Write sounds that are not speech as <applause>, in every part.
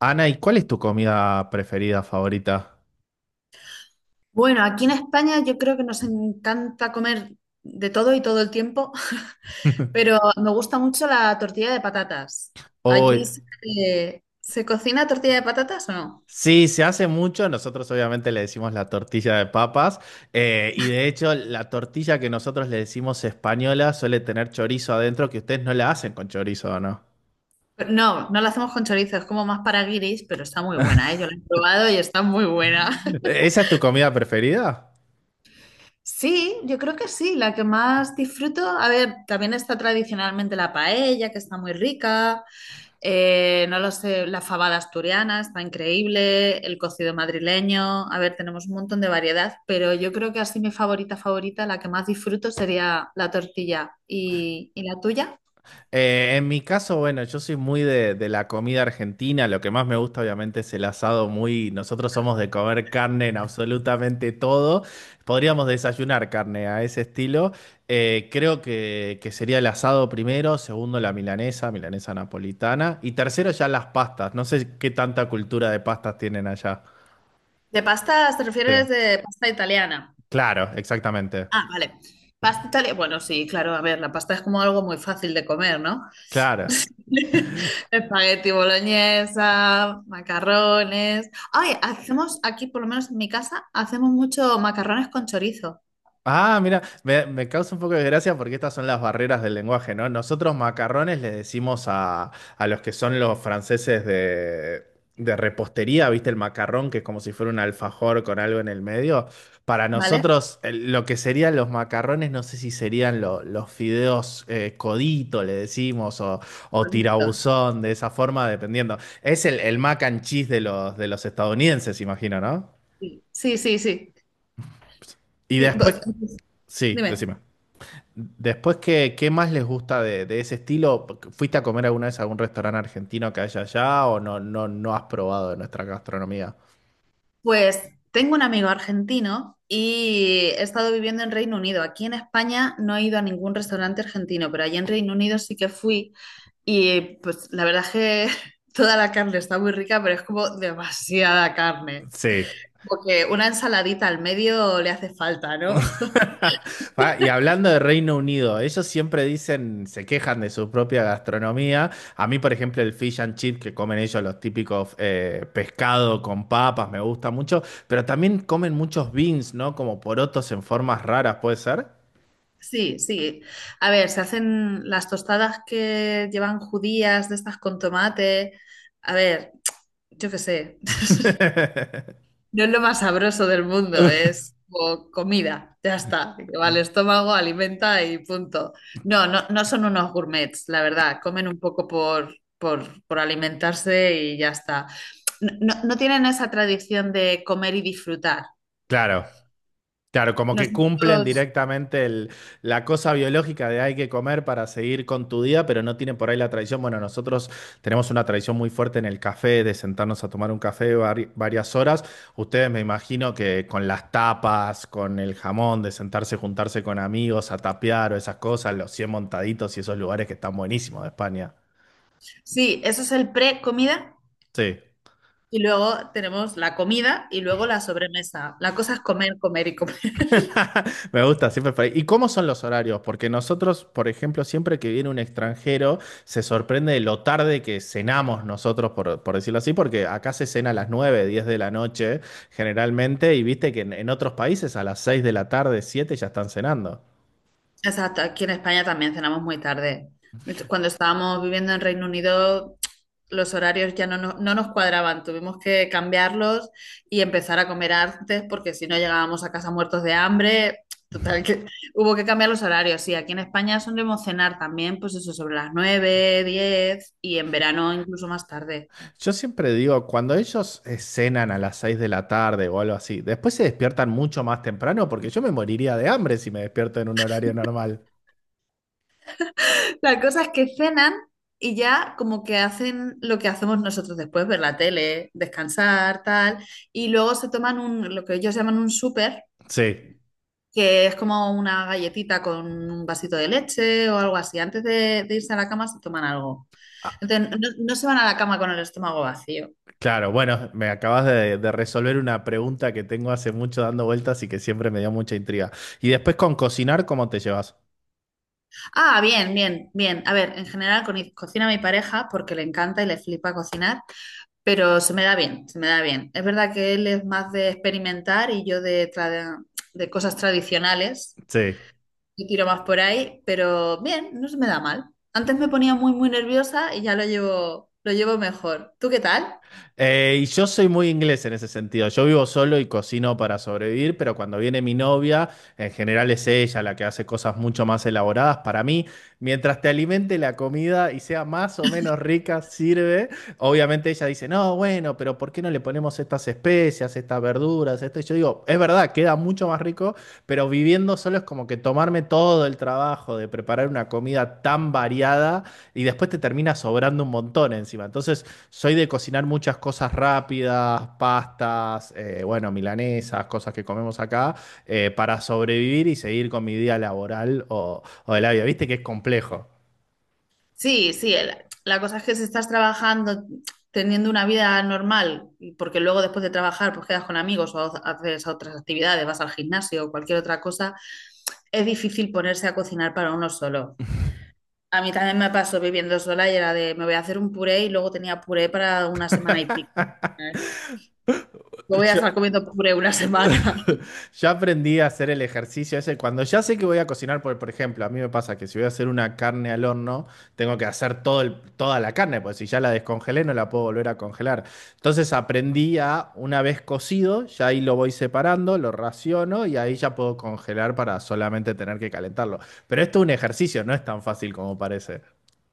Ana, ¿y cuál es tu comida preferida, favorita? Bueno, aquí en España yo creo que nos encanta comer de todo y todo el tiempo, <laughs> pero me gusta mucho la tortilla de patatas. Oh, ¿Allí se cocina tortilla de patatas o no? sí, se hace mucho. Nosotros obviamente le decimos la tortilla de papas. Y de hecho, la tortilla que nosotros le decimos española suele tener chorizo adentro, que ustedes no la hacen con chorizo, ¿o no? No, no la hacemos con chorizo, es como más para guiris, pero está muy buena, ¿eh? Yo la he probado y está muy buena. <laughs> <laughs> ¿Esa es tu comida preferida? Sí, yo creo que sí, la que más disfruto. A ver, también está tradicionalmente la paella, que está muy rica. No lo sé, la fabada asturiana está increíble, el cocido madrileño, a ver, tenemos un montón de variedad, pero yo creo que así mi favorita favorita, la que más disfruto sería la tortilla. ¿Y la tuya? En mi caso, bueno, yo soy muy de la comida argentina. Lo que más me gusta, obviamente, es el asado muy. Nosotros somos de comer carne en absolutamente todo. Podríamos desayunar carne a ese estilo. Creo que sería el asado primero, segundo la milanesa, milanesa napolitana, y tercero ya las pastas. No sé qué tanta cultura de pastas tienen allá. ¿De pastas te Sí. refieres de pasta italiana? Claro, exactamente. Ah, vale. Pasta italiana, bueno, sí, claro, a ver, la pasta es como algo muy fácil de comer, ¿no? Claro. <laughs> Espagueti boloñesa, macarrones. Ay, hacemos aquí, por lo menos en mi casa, hacemos mucho macarrones con chorizo. Ah, mira, me causa un poco de gracia porque estas son las barreras del lenguaje, ¿no? Nosotros macarrones le decimos a los que son los franceses de repostería, ¿viste? El macarrón, que es como si fuera un alfajor con algo en el medio. Para ¿Vale? nosotros, lo que serían los macarrones, no sé si serían los fideos codito, le decimos, o Perfecto. tirabuzón, de esa forma, dependiendo. Es el mac and cheese de los estadounidenses, imagino, ¿no? Sí, sí, sí, sí. Y Sí, después, pues, sí, dime. decime. Después, ¿qué más les gusta de ese estilo? ¿Fuiste a comer alguna vez a algún restaurante argentino que haya allá o no has probado de nuestra gastronomía? Pues tengo un amigo argentino y he estado viviendo en Reino Unido. Aquí en España no he ido a ningún restaurante argentino, pero allá en Reino Unido sí que fui y pues la verdad es que <laughs> toda la carne está muy rica, pero es como demasiada carne. Sí. Porque una ensaladita al medio le hace falta, ¿no? <laughs> <laughs> Ah, y hablando de Reino Unido, ellos siempre dicen, se quejan de su propia gastronomía. A mí, por ejemplo, el fish and chip que comen ellos, los típicos pescado con papas, me gusta mucho, pero también comen muchos beans, ¿no? Como porotos en formas raras, ¿puede ser? Sí, sí. A ver, se hacen las tostadas que llevan judías de estas con tomate. A ver, yo qué sé, <laughs> <laughs> no es lo más sabroso del mundo, es como comida, ya está, que va al estómago, alimenta y punto. No, no, no son unos gourmets, la verdad, comen un poco por alimentarse y ya está. No, no tienen esa tradición de comer y disfrutar. Claro. Claro, como que cumplen Nosotros, directamente la cosa biológica de hay que comer para seguir con tu día, pero no tienen por ahí la tradición. Bueno, nosotros tenemos una tradición muy fuerte en el café, de sentarnos a tomar un café varias horas. Ustedes me imagino que con las tapas, con el jamón, de sentarse, juntarse con amigos a tapear o esas cosas, los 100 Montaditos y esos lugares que están buenísimos de España. sí, eso es el pre-comida Sí. y luego tenemos la comida y luego la sobremesa. La cosa es comer, comer y comer. Me gusta, siempre por ahí. ¿Y cómo son los horarios? Porque nosotros, por ejemplo, siempre que viene un extranjero, se sorprende de lo tarde que cenamos nosotros, por decirlo así, porque acá se cena a las 9, 10 de la noche, generalmente, y viste que en otros países a las 6 de la tarde, 7 ya están cenando. Exacto, aquí en España también cenamos muy tarde. De hecho, cuando estábamos viviendo en Reino Unido, los horarios ya no nos cuadraban, tuvimos que cambiarlos y empezar a comer antes porque si no llegábamos a casa muertos de hambre. Total, que <laughs> hubo que cambiar los horarios. Sí, aquí en España solemos cenar también, pues eso, sobre las 9, 10 y en verano incluso más tarde. Yo siempre digo, cuando ellos cenan a las 6 de la tarde o algo así, después se despiertan mucho más temprano, porque yo me moriría de hambre si me despierto en un horario normal. La cosa es que cenan y ya como que hacen lo que hacemos nosotros después, ver la tele, descansar, tal, y luego se toman un, lo que ellos llaman un súper, Sí. que es como una galletita con un vasito de leche o algo así. Antes de irse a la cama se toman algo. Entonces, no, no se van a la cama con el estómago vacío. Claro, bueno, me acabas de resolver una pregunta que tengo hace mucho dando vueltas y que siempre me dio mucha intriga. Y después con cocinar, ¿cómo te llevas? Ah, bien, bien, bien. A ver, en general cocina mi pareja porque le encanta y le flipa cocinar. Pero se me da bien, se me da bien. Es verdad que él es más de experimentar y yo de cosas tradicionales. Sí. Yo tiro más por ahí, pero bien, no se me da mal. Antes me ponía muy, muy nerviosa y ya lo llevo mejor. ¿Tú qué tal? Y yo soy muy inglés en ese sentido. Yo vivo solo y cocino para sobrevivir, pero cuando viene mi novia, en general es ella la que hace cosas mucho más elaboradas para mí. Mientras te alimente la comida y sea más o menos rica, sirve. Obviamente ella dice, no, bueno, pero ¿por qué no le ponemos estas especias, estas verduras, esto? Y yo digo, es verdad, queda mucho más rico. Pero viviendo solo es como que tomarme todo el trabajo de preparar una comida tan variada y después te termina sobrando un montón encima. Entonces, soy de cocinar muchas cosas rápidas, pastas, bueno, milanesas, cosas que comemos acá, para sobrevivir y seguir con mi día laboral o de la vida. Viste que es complejo. Sí, sí, la cosa es que si estás trabajando, teniendo una vida normal, y porque luego después de trabajar pues quedas con amigos o haces otras actividades, vas al gimnasio o cualquier otra cosa, es difícil ponerse a cocinar para uno solo. A mí también me pasó viviendo sola y era de, me voy a hacer un puré y luego tenía puré para una semana y pico. Eh, No voy a Yo, estar comiendo puré una semana. <laughs> Ya aprendí a hacer el ejercicio ese. Cuando ya sé que voy a cocinar, por ejemplo, a mí me pasa que si voy a hacer una carne al horno, tengo que hacer toda la carne, porque si ya la descongelé, no la puedo volver a congelar. Entonces aprendí a, una vez cocido, ya ahí lo voy separando, lo raciono y ahí ya puedo congelar para solamente tener que calentarlo. Pero esto es un ejercicio, no es tan fácil como parece.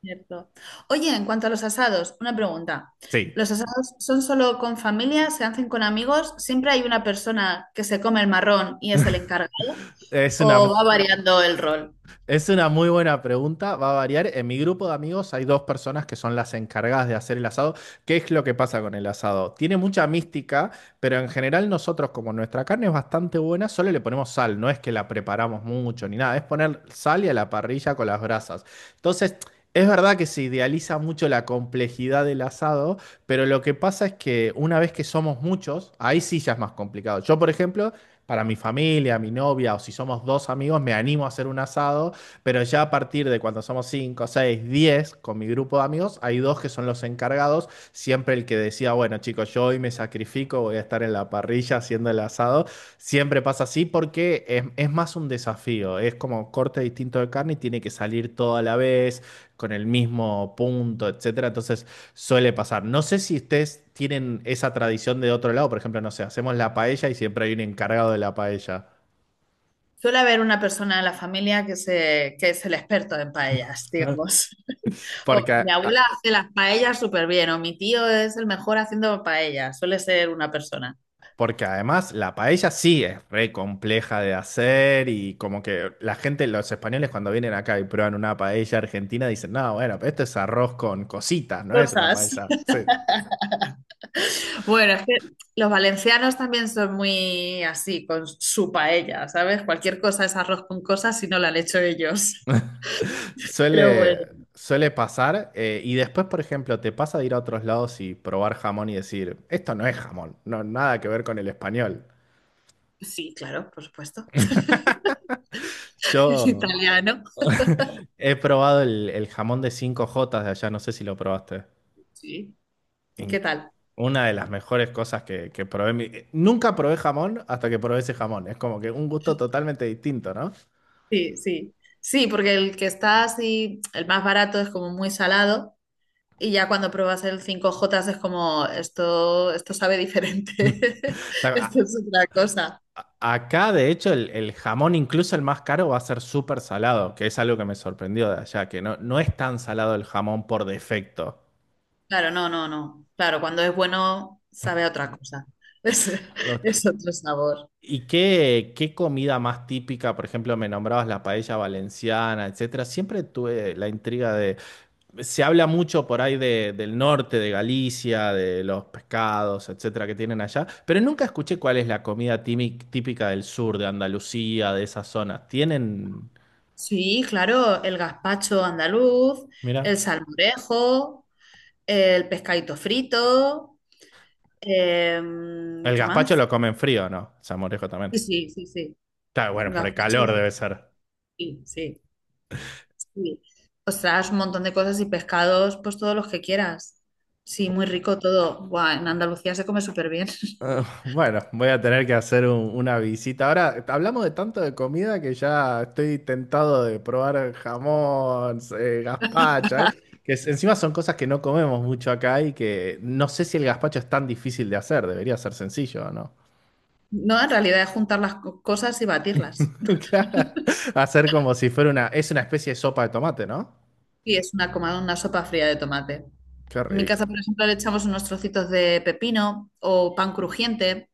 Cierto. Oye, en cuanto a los asados, una pregunta. Sí. ¿Los asados son solo con familia? ¿Se hacen con amigos? ¿Siempre hay una persona que se come el marrón y es el encargado? es una, ¿O va variando el rol? Es una muy buena pregunta, va a variar. En mi grupo de amigos hay dos personas que son las encargadas de hacer el asado. ¿Qué es lo que pasa con el asado? Tiene mucha mística, pero en general nosotros, como nuestra carne es bastante buena, solo le ponemos sal, no es que la preparamos mucho ni nada, es poner sal y a la parrilla con las brasas. Entonces. Es verdad que se idealiza mucho la complejidad del asado, pero lo que pasa es que una vez que somos muchos, ahí sí ya es más complicado. Yo, por ejemplo, para mi familia, mi novia o si somos dos amigos, me animo a hacer un asado, pero ya a partir de cuando somos 5, 6, 10, con mi grupo de amigos, hay dos que son los encargados. Siempre el que decía, bueno, chicos, yo hoy me sacrifico, voy a estar en la parrilla haciendo el asado. Siempre pasa así porque es más un desafío. Es como corte distinto de carne y tiene que salir todo a la vez, con el mismo punto, etcétera. Entonces suele pasar. No sé si ustedes tienen esa tradición de otro lado. Por ejemplo, no sé, hacemos la paella y siempre hay un encargado de la paella. Suele haber una persona en la familia que es el experto en paellas, <laughs> digamos. Porque Mi abuela a- hace las paellas súper bien, o mi tío es el mejor haciendo paellas, suele ser una persona. Porque además la paella sí es re compleja de hacer y como que la gente, los españoles cuando vienen acá y prueban una paella argentina dicen, no, bueno, pero esto es arroz con cositas, no es una Cosas. paella. <laughs> Sí. Bueno, es que los valencianos también son muy así, con su paella, ¿sabes? Cualquier cosa es arroz con cosas si no la han hecho ellos. <laughs> Pero bueno, Suele, suele pasar y después, por ejemplo, te pasa de ir a otros lados y probar jamón y decir, esto no es jamón, no, nada que ver con el español. sí, claro, por supuesto. <laughs> Es Yo italiano. he probado el jamón de cinco jotas de allá, no sé si lo probaste. Sí. ¿Qué en que- tal? una de las mejores cosas que probé. Nunca probé jamón hasta que probé ese jamón. Es como que un gusto totalmente distinto, ¿no? O Sí, sí. Sí, porque el que está así, el más barato es como muy salado. Y ya cuando pruebas el cinco j es como, esto sabe diferente, <laughs> sea, esto es otra cosa. acá, de hecho, el jamón, incluso el más caro, va a ser súper salado, que es algo que me sorprendió de allá, que no es tan salado el jamón por defecto. Claro, no, no, no. Claro, cuando es bueno, sabe a otra cosa. <laughs> Es, es otro sabor. ¿Y qué comida más típica? Por ejemplo, me nombrabas la paella valenciana, etcétera. Siempre tuve la intriga. Se habla mucho por ahí del norte, de Galicia, de los pescados, etcétera, que tienen allá, pero nunca escuché cuál es la comida típica del sur, de Andalucía, de esas zonas. Tienen, Sí, claro, el gazpacho andaluz, mira, el salmorejo, el pescadito frito, el ¿qué más? gazpacho lo comen frío, ¿no? Salmorejo también. Sí, sí, sí, sí. Claro, bueno, por el Gazpacho calor debe ser. sí, sí. Sí. Ostras, un montón de cosas y pescados, pues todos los que quieras. Sí, muy rico todo. Buah, en Andalucía se come súper bien. <laughs> Ah, bueno, voy a tener que hacer una visita. Ahora, hablamos de tanto de comida que ya estoy tentado de probar jamón, gazpacho, encima son cosas que no comemos mucho acá y que no sé si el gazpacho es tan difícil de hacer, debería ser sencillo, ¿no? No, en realidad es juntar las cosas y batirlas. <laughs> <laughs> Hacer como si fuera es una especie de sopa de tomate, ¿no? Y es una sopa fría de tomate. Qué En mi rico. casa, por ejemplo, le echamos unos trocitos de pepino o pan crujiente.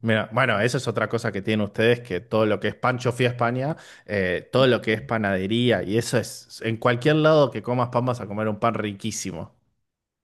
Mira, bueno, esa es otra cosa que tienen ustedes, que todo lo que es pan, yo fui a España, todo lo que es panadería, y eso es, en cualquier lado que comas pan vas a comer un pan riquísimo.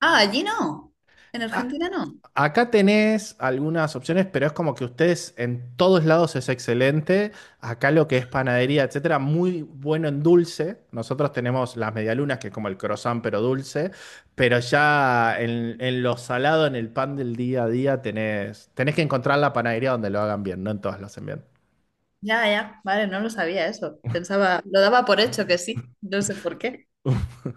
Ah, allí no. En A- Argentina no. acá tenés algunas opciones, pero es como que ustedes en todos lados es excelente, acá lo que es panadería, etcétera, muy bueno en dulce, nosotros tenemos las medialunas, que es como el croissant, pero dulce, pero ya en lo salado, en el pan del día a día, tenés que encontrar la panadería donde lo hagan bien, no en todas lo hacen bien. Ya, ya. Vale, no lo sabía eso. Pensaba, lo daba por hecho que sí. No sé por qué.